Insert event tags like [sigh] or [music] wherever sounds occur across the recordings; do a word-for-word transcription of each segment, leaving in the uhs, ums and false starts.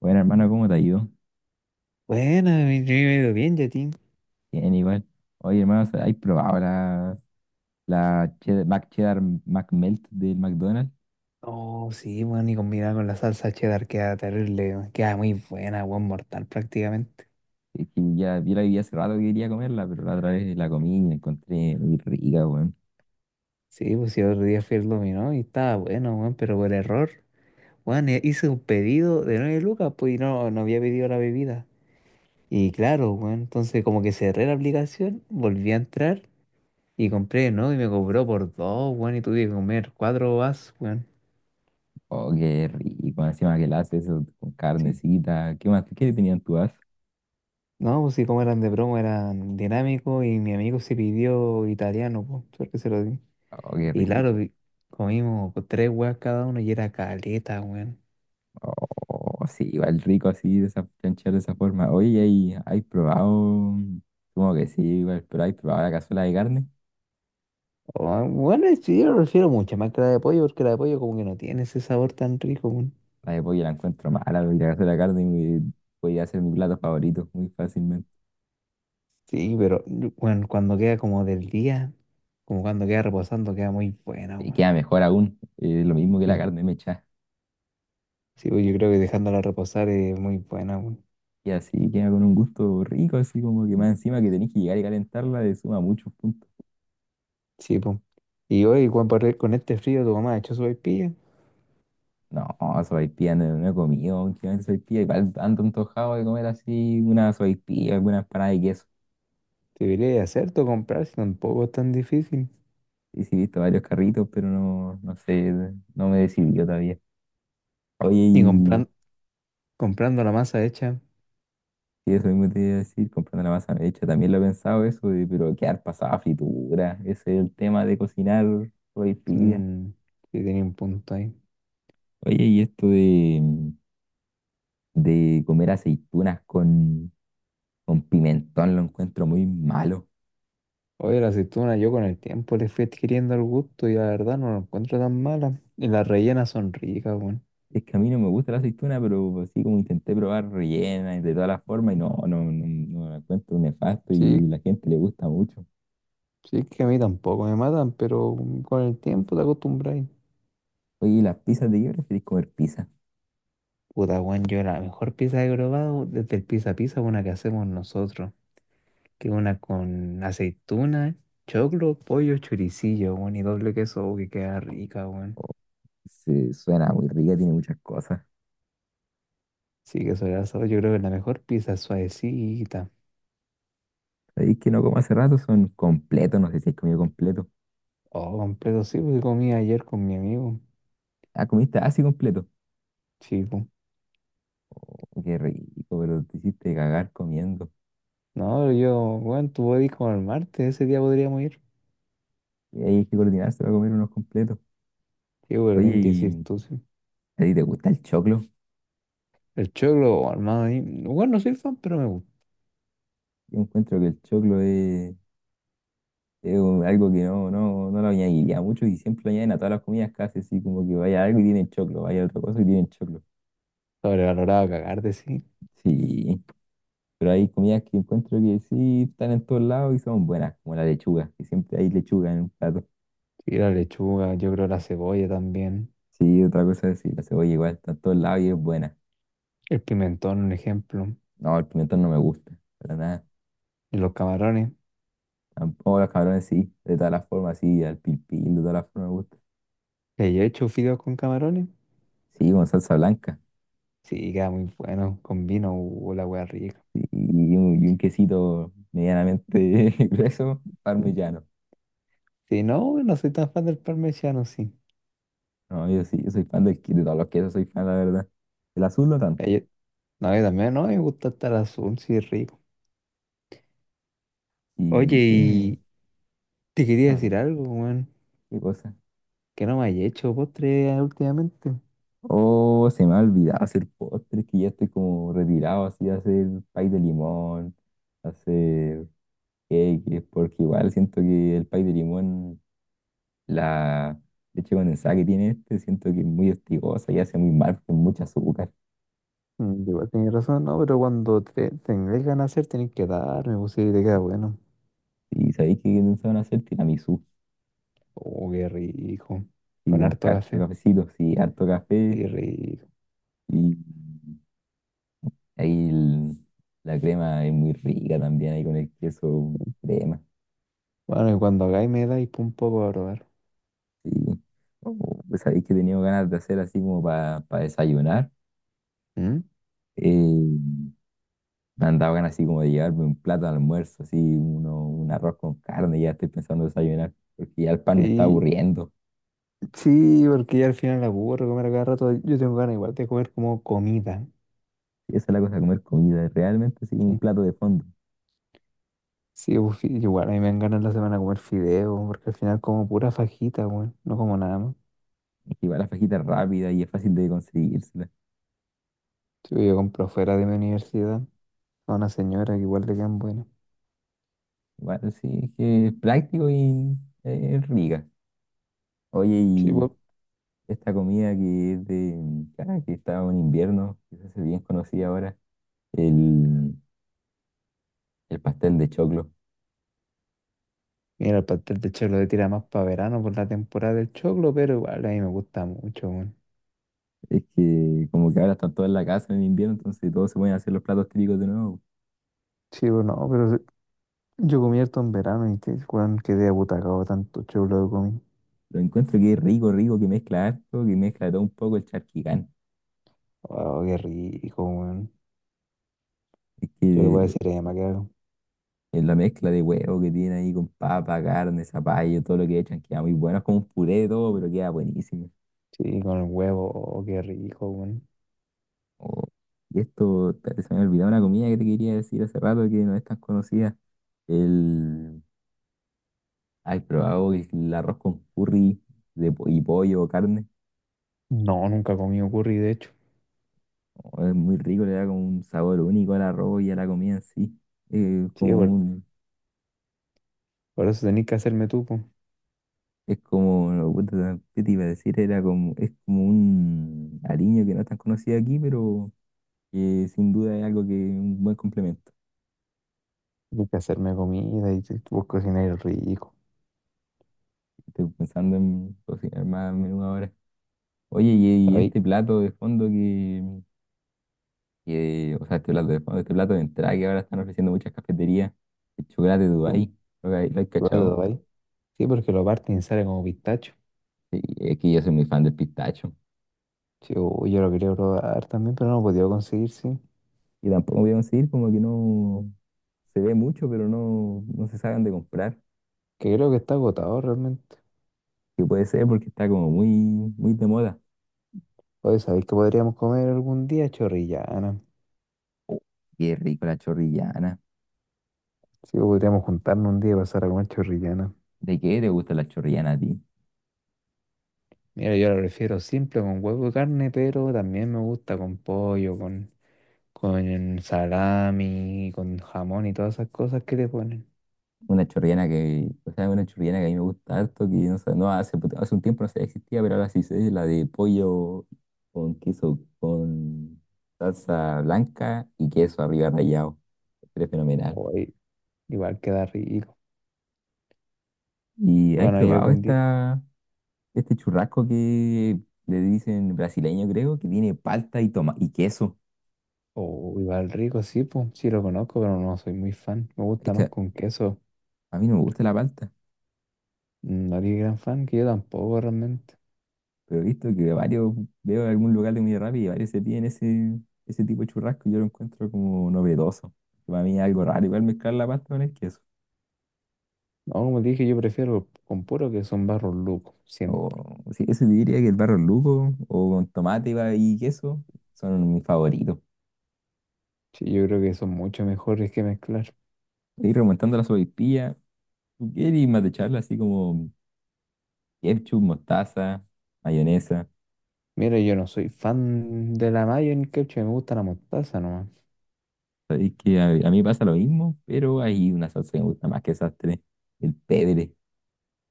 Bueno, hermano, ¿cómo te ha ido? Bueno, mi- yo me he ido bien, Yatín. Bien, igual. Oye, hermano, ¿has probado la, la cheddar, Mac Cheddar McMelt del McDonald's? Oh, sí, bueno, y combinada con la salsa cheddar queda terrible, weón. Queda muy buena, buen mortal prácticamente. Es que ya vi la vi hace rato que quería comerla, pero la otra vez la comí y la encontré muy rica, weón. Sí, pues si otro día fui al dominó y estaba bueno, weón, pero por error, weón, e- hice un pedido de nueve lucas, pues y no, no había pedido la bebida. Y claro, weón, entonces como que cerré la aplicación, volví a entrar y compré, ¿no? Y me cobró por dos, weón, y tuve que comer cuatro vasos, weón. Oh, qué rico. Encima que la hace eso con Sí. carnecita. ¿Qué más? ¿Qué tenían tú as? No, pues sí, como eran de broma eran dinámicos y mi amigo se pidió italiano, pues, suerte que se lo di. Oh, qué Y claro, rico. vi- comimos pues, tres weas cada uno y era caleta, weón. Oh, sí, igual rico así, de esa, chanchar de esa forma. Oye, ¿hay, hay probado? Supongo que sí, igual, pero ¿hay probado la cazuela de carne? Oh, bueno, sí, yo prefiero mucho más que la de pollo, porque la de pollo como que no tiene ese sabor tan rico, weón. La de pollo la encuentro mala, voy a ir a hacer la carne y me- voy a hacer mi plato favorito muy fácilmente. Sí, pero bueno, cuando queda como del día, como cuando queda reposando, queda muy buena, Y weón. queda mejor aún, eh, lo mismo que la Sí, carne mechada. sí, pues, yo creo que dejándola reposar es muy buena, weón. Y así queda con un gusto rico, así como que más encima que tenés que llegar y calentarla, le suma muchos puntos. Sí, pues. Y hoy, Juan, por- con este frío, tu mamá ha hecho su sopaipilla. No, sopaipilla no, no he comido, últimamente sopaipilla, igual ando antojado de comer así una sopaipilla, alguna empanada de queso. Debería hacerte comprar si tampoco es tan difícil. Y sí, he visto varios carritos, pero no, no sé, no me he decidido todavía. Oye, Y y compran- comprando la masa hecha, Sí, eso mismo te iba a decir, comprando la masa hecha, también lo he pensado eso, de, pero quedar pasada a fritura, ese es el tema de cocinar hoy pilla. mm, sí tenía un punto ahí. Oye, y esto de, de comer aceitunas con, con pimentón lo encuentro muy malo. Oye, la aceituna yo con el tiempo le fui adquiriendo el gusto y la verdad no la encuentro tan mala. Y las rellenas son ricas, bueno. Es que a mí no me gusta la aceituna, pero así como intenté probar rellena y de todas las formas, y no, no, no, no la encuentro nefasto y Sí, la gente le gusta mucho. sí es que a mí tampoco me matan, pero mm, con el tiempo te acostumbras. Oye, ¿y las pizzas de qué preferís comer pizza? Puta, weón, yo la mejor pizza que he probado desde el pizza pizza, una que hacemos nosotros, que es una con aceituna, choclo, pollo, choricillo, weón, y doble queso, oh, que queda rica, weón. Oh, se, suena muy rica, tiene muchas cosas. Sí, que sobre asado, yo creo que la mejor pizza suavecita. Sabéis que no como hace rato, son completos, no sé si has comido completo. Oh, completo, sí, porque comí ayer con mi amigo, Ah, comiste así completo. chico. Oh, qué rico, pero te hiciste cagar comiendo. No, yo, bueno, tú podés ir como el martes, ese día podríamos ir. Y ahí hay que coordinarse para comer unos completos. Sí, pero Oye, tienes que decir ¿y tú, sí. a ti te gusta el choclo? El choclo, oh, hermano, a mí- bueno, no soy fan, pero me gusta. Yo encuentro que el choclo es, es un- algo que no, no, no lo añadiría mucho y siempre lo añaden a todas las comidas casi así, como que vaya algo y tienen choclo, vaya otra cosa y tienen choclo. Sobrevalorado a cagar de sí. Sí, pero hay comidas que encuentro que sí están en todos lados y son buenas, como la lechuga, que siempre hay lechuga en un plato. Sí, la lechuga, yo creo la cebolla también. Sí, otra cosa es decir, la cebolla igual está en todos lados y es buena. El pimentón, un ejemplo. No, el pimentón no me gusta, para nada. Y los camarones. Tampoco los cabrones sí, de todas las formas, sí, al pil pil, de todas las formas me gusta. ¿Le he hecho fideos con camarones? Sí, con salsa blanca. Sí, queda muy bueno. Con vino, uh, la wea rica. Sí, y un, y un quesito medianamente [laughs] grueso, [laughs] parmesano. Si no, no soy tan fan del parmesano, sí. No, yo sí, yo soy fan del, que- de todos los quesos, soy fan, la verdad. El azul no tanto. Ay no, yo también, no, me gusta estar azul, sí, es rico. Oye, ¿Y qué y te quería decir hablan? algo, weón, ¿Qué cosa? que no me hayas hecho postre eh, últimamente. Oh, se me ha olvidado hacer postres, que ya estoy como retirado así, hacer pay de limón, hacer. que, que es porque igual siento que el pay de limón, la leche condensada que tiene este, siento que es muy hostigosa y hace muy mal porque es mucho azúcar. Mm, igual tenés razón, no, pero cuando te, tenés ganas de hacer, tenés que darme, pues sí, te queda bueno. Y sabéis que van a hacer tiramisú Oh, qué rico. y Con con harto harto café, cafecito, sí, harto café qué rico. y ahí el- la crema es muy rica también ahí con el queso crema. Bueno, y cuando hagáis me dais pa' un poco a probar. Sí. Oh, pues sabéis que he tenido ganas de hacer así como para desayunar. ¿Mm? eh, Me han dado ganas así como de llevarme un plato de almuerzo, así uno, un arroz con carne, ya estoy pensando desayunar, porque ya el pan me está Sí, aburriendo. sí, porque ya al final la aburro comer a cada rato. Yo tengo ganas igual de comer como comida. Y esa es la cosa, comer comida, es realmente así como un Sí. plato de fondo. Sí, pues, fi- igual a mí me dan ganas la semana de comer fideo, porque al final como pura fajita, weón, no como nada más. Y igual la fajita es rápida y es fácil de conseguírsela. Sí, yo compro fuera de mi universidad a una señora que igual le quedan buenas. Igual sí, es que es práctico y eh, es rica. Oye, Sí, y pues, esta comida que es de, ah, que está en invierno, que se hace bien conocida ahora, el, el pastel de choclo. mira, el pastel de choclo le tira más para verano por la temporada del choclo, pero igual a mí me gusta mucho, weón. Es que como que ahora están todos en la casa en invierno, entonces todos se pueden hacer los platos típicos de nuevo. Sí, pues no, pero se- yo comí harto en verano y te, weón, quedé abutacado tanto choclo que comí. Lo encuentro que es rico, rico, que mezcla harto, que mezcla de todo un poco el charquicán. Oh, qué rico, weón. Es Yo le voy a que decir a mi mamá que haga. es la mezcla de huevo que tiene ahí con papa, carne, zapallo, todo lo que echan, queda muy bueno. Es como un puré de todo, pero queda buenísimo. Sí, con el huevo, oh, qué rico, weón. Oh, y esto, espérate, se me olvidó una comida que te quería decir hace rato que no es tan conocida. El, ¿Has probado el arroz con curry de, po- y pollo o carne? No, nunca he comido curry, de hecho. Oh, es muy rico, le da como un sabor único al arroz y a la comida en sí. Eh, Sí, como weón. un Por eso tenés que hacerme tú, po. Es como, no, puta, ¿qué te iba a decir? Era como, es como un aliño que no es tan conocido aquí, pero que sin duda es algo que es un buen complemento. Tenés que hacerme comida y te- vos cocináis rico. Estoy pensando en cocinar más a menudo ahora. Oye, y, y ¿Sabéis? este plato de fondo que, que- o sea, este plato de fondo, este plato de entrada que ahora están ofreciendo muchas cafeterías, el chocolate de Po, Dubái, ¿lo hay, lo hay cachado? ¿lo ahí? Sí, porque lo parten y sale como pistacho. Sí, es que yo soy muy fan del pistacho. Sí, uy, yo lo quería probar también, pero no lo he podido conseguir, sí. Y tampoco voy a conseguir, como que no se ve mucho, pero no, no se saben de comprar. Que creo que está agotado realmente. Que puede ser porque está como muy, muy de moda. Oye, ¿sabéis que podríamos comer algún día chorrillana? Oh, qué rico la chorrillana. Sí, o podríamos juntarnos un día y pasar a comer chorrillana. ¿De qué te gusta la chorrillana a ti? Mira, yo lo prefiero simple con huevo y carne, pero también me gusta con pollo, con, con salami, con jamón y todas esas cosas que le ponen. Una chorrillana que, o sea, una chorrillana que a mí me gusta harto, que no sé, no hace, hace un tiempo no sé, existía, pero ahora sí sé, la de pollo con queso, con salsa blanca y queso arriba rallado. Es fenomenal. Oye, igual queda rico. ¿Y has Bueno, y probado algún día. esta, este churrasco que le dicen brasileño, creo, que tiene palta y toma y queso? Oh, igual rico, sí, pues, sí lo conozco, pero no soy muy fan. Me Es gusta más que con queso. a mí no me gusta la palta. No eres gran fan, que yo tampoco realmente. Pero he visto que varios, veo en algún lugar de comida rápida y varios se piden ese, ese tipo de churrasco y yo lo encuentro como novedoso. Para mí es algo raro, igual mezclar la pasta con el queso. No, como te dije, yo prefiero con puro que son barros locos, siempre. O sí, eso te diría que el barro luco o con tomate y ba- y queso son mis favoritos. Sí, yo creo que son mucho mejores que mezclar. Y remontando a la sopaipilla, tú quieres más de charla así como ketchup, mostaza, mayonesa. Mira, yo no soy fan de la mayo ni ketchup, me gusta la mostaza nomás. Sabéis que a, a mí pasa lo mismo, pero hay una salsa que me gusta más que esas tres, el pebre.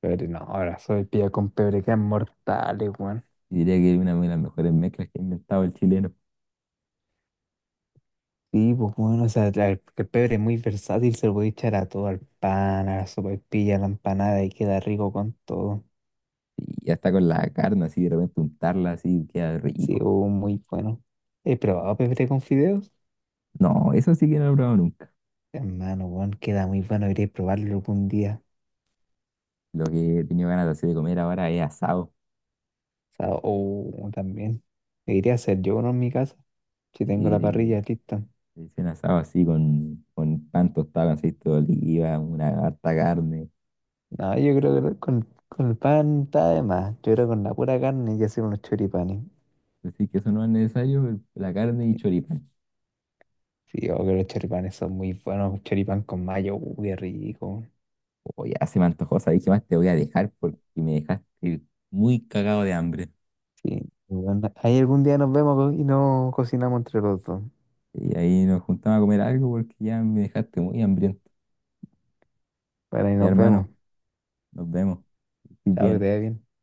Pero no, ahora soy pilla con pebre que es mortal, weón. Diría que es una de las mejores mezclas que ha inventado el chileno. Sí, pues bueno, o sea, la- el pebre es muy versátil, se lo puede echar a todo, al pan, a la sopaipilla, a la empanada y queda rico con todo. Y hasta con la carne así, de repente untarla así, queda Sí, rico. oh, muy bueno. ¿He probado pebre con fideos? No, eso sí que no lo he probado nunca. Hermano, bueno, queda muy bueno, iré a probarlo algún día. Lo que he tenido ganas así de comer ahora es asado. O sea, oh, también. Me iré a hacer yo uno en mi casa, si tengo la Y parrilla lista. y hice un asado así con, con pan tostado, con aceite de oliva, una harta carne. No, yo creo que con, con el pan está de más. Yo creo que con la pura carne y hacer unos choripanes. Así que eso no es necesario, el- la carne y choripán. Sí, oh, que los choripanes son muy buenos, choripán con mayo, uy, qué rico. Oye, ya se me antojó, ¿sabes qué más te voy a dejar? Porque me dejaste muy cagado de hambre. Sí. Bueno, ahí algún día nos vemos pues, y nos cocinamos entre los dos. Y ahí nos juntamos a comer algo porque ya me dejaste muy hambriento. Para ahí Ya nos vemos. hermano, nos vemos. Que estés Chao, que te bien. vaya bien.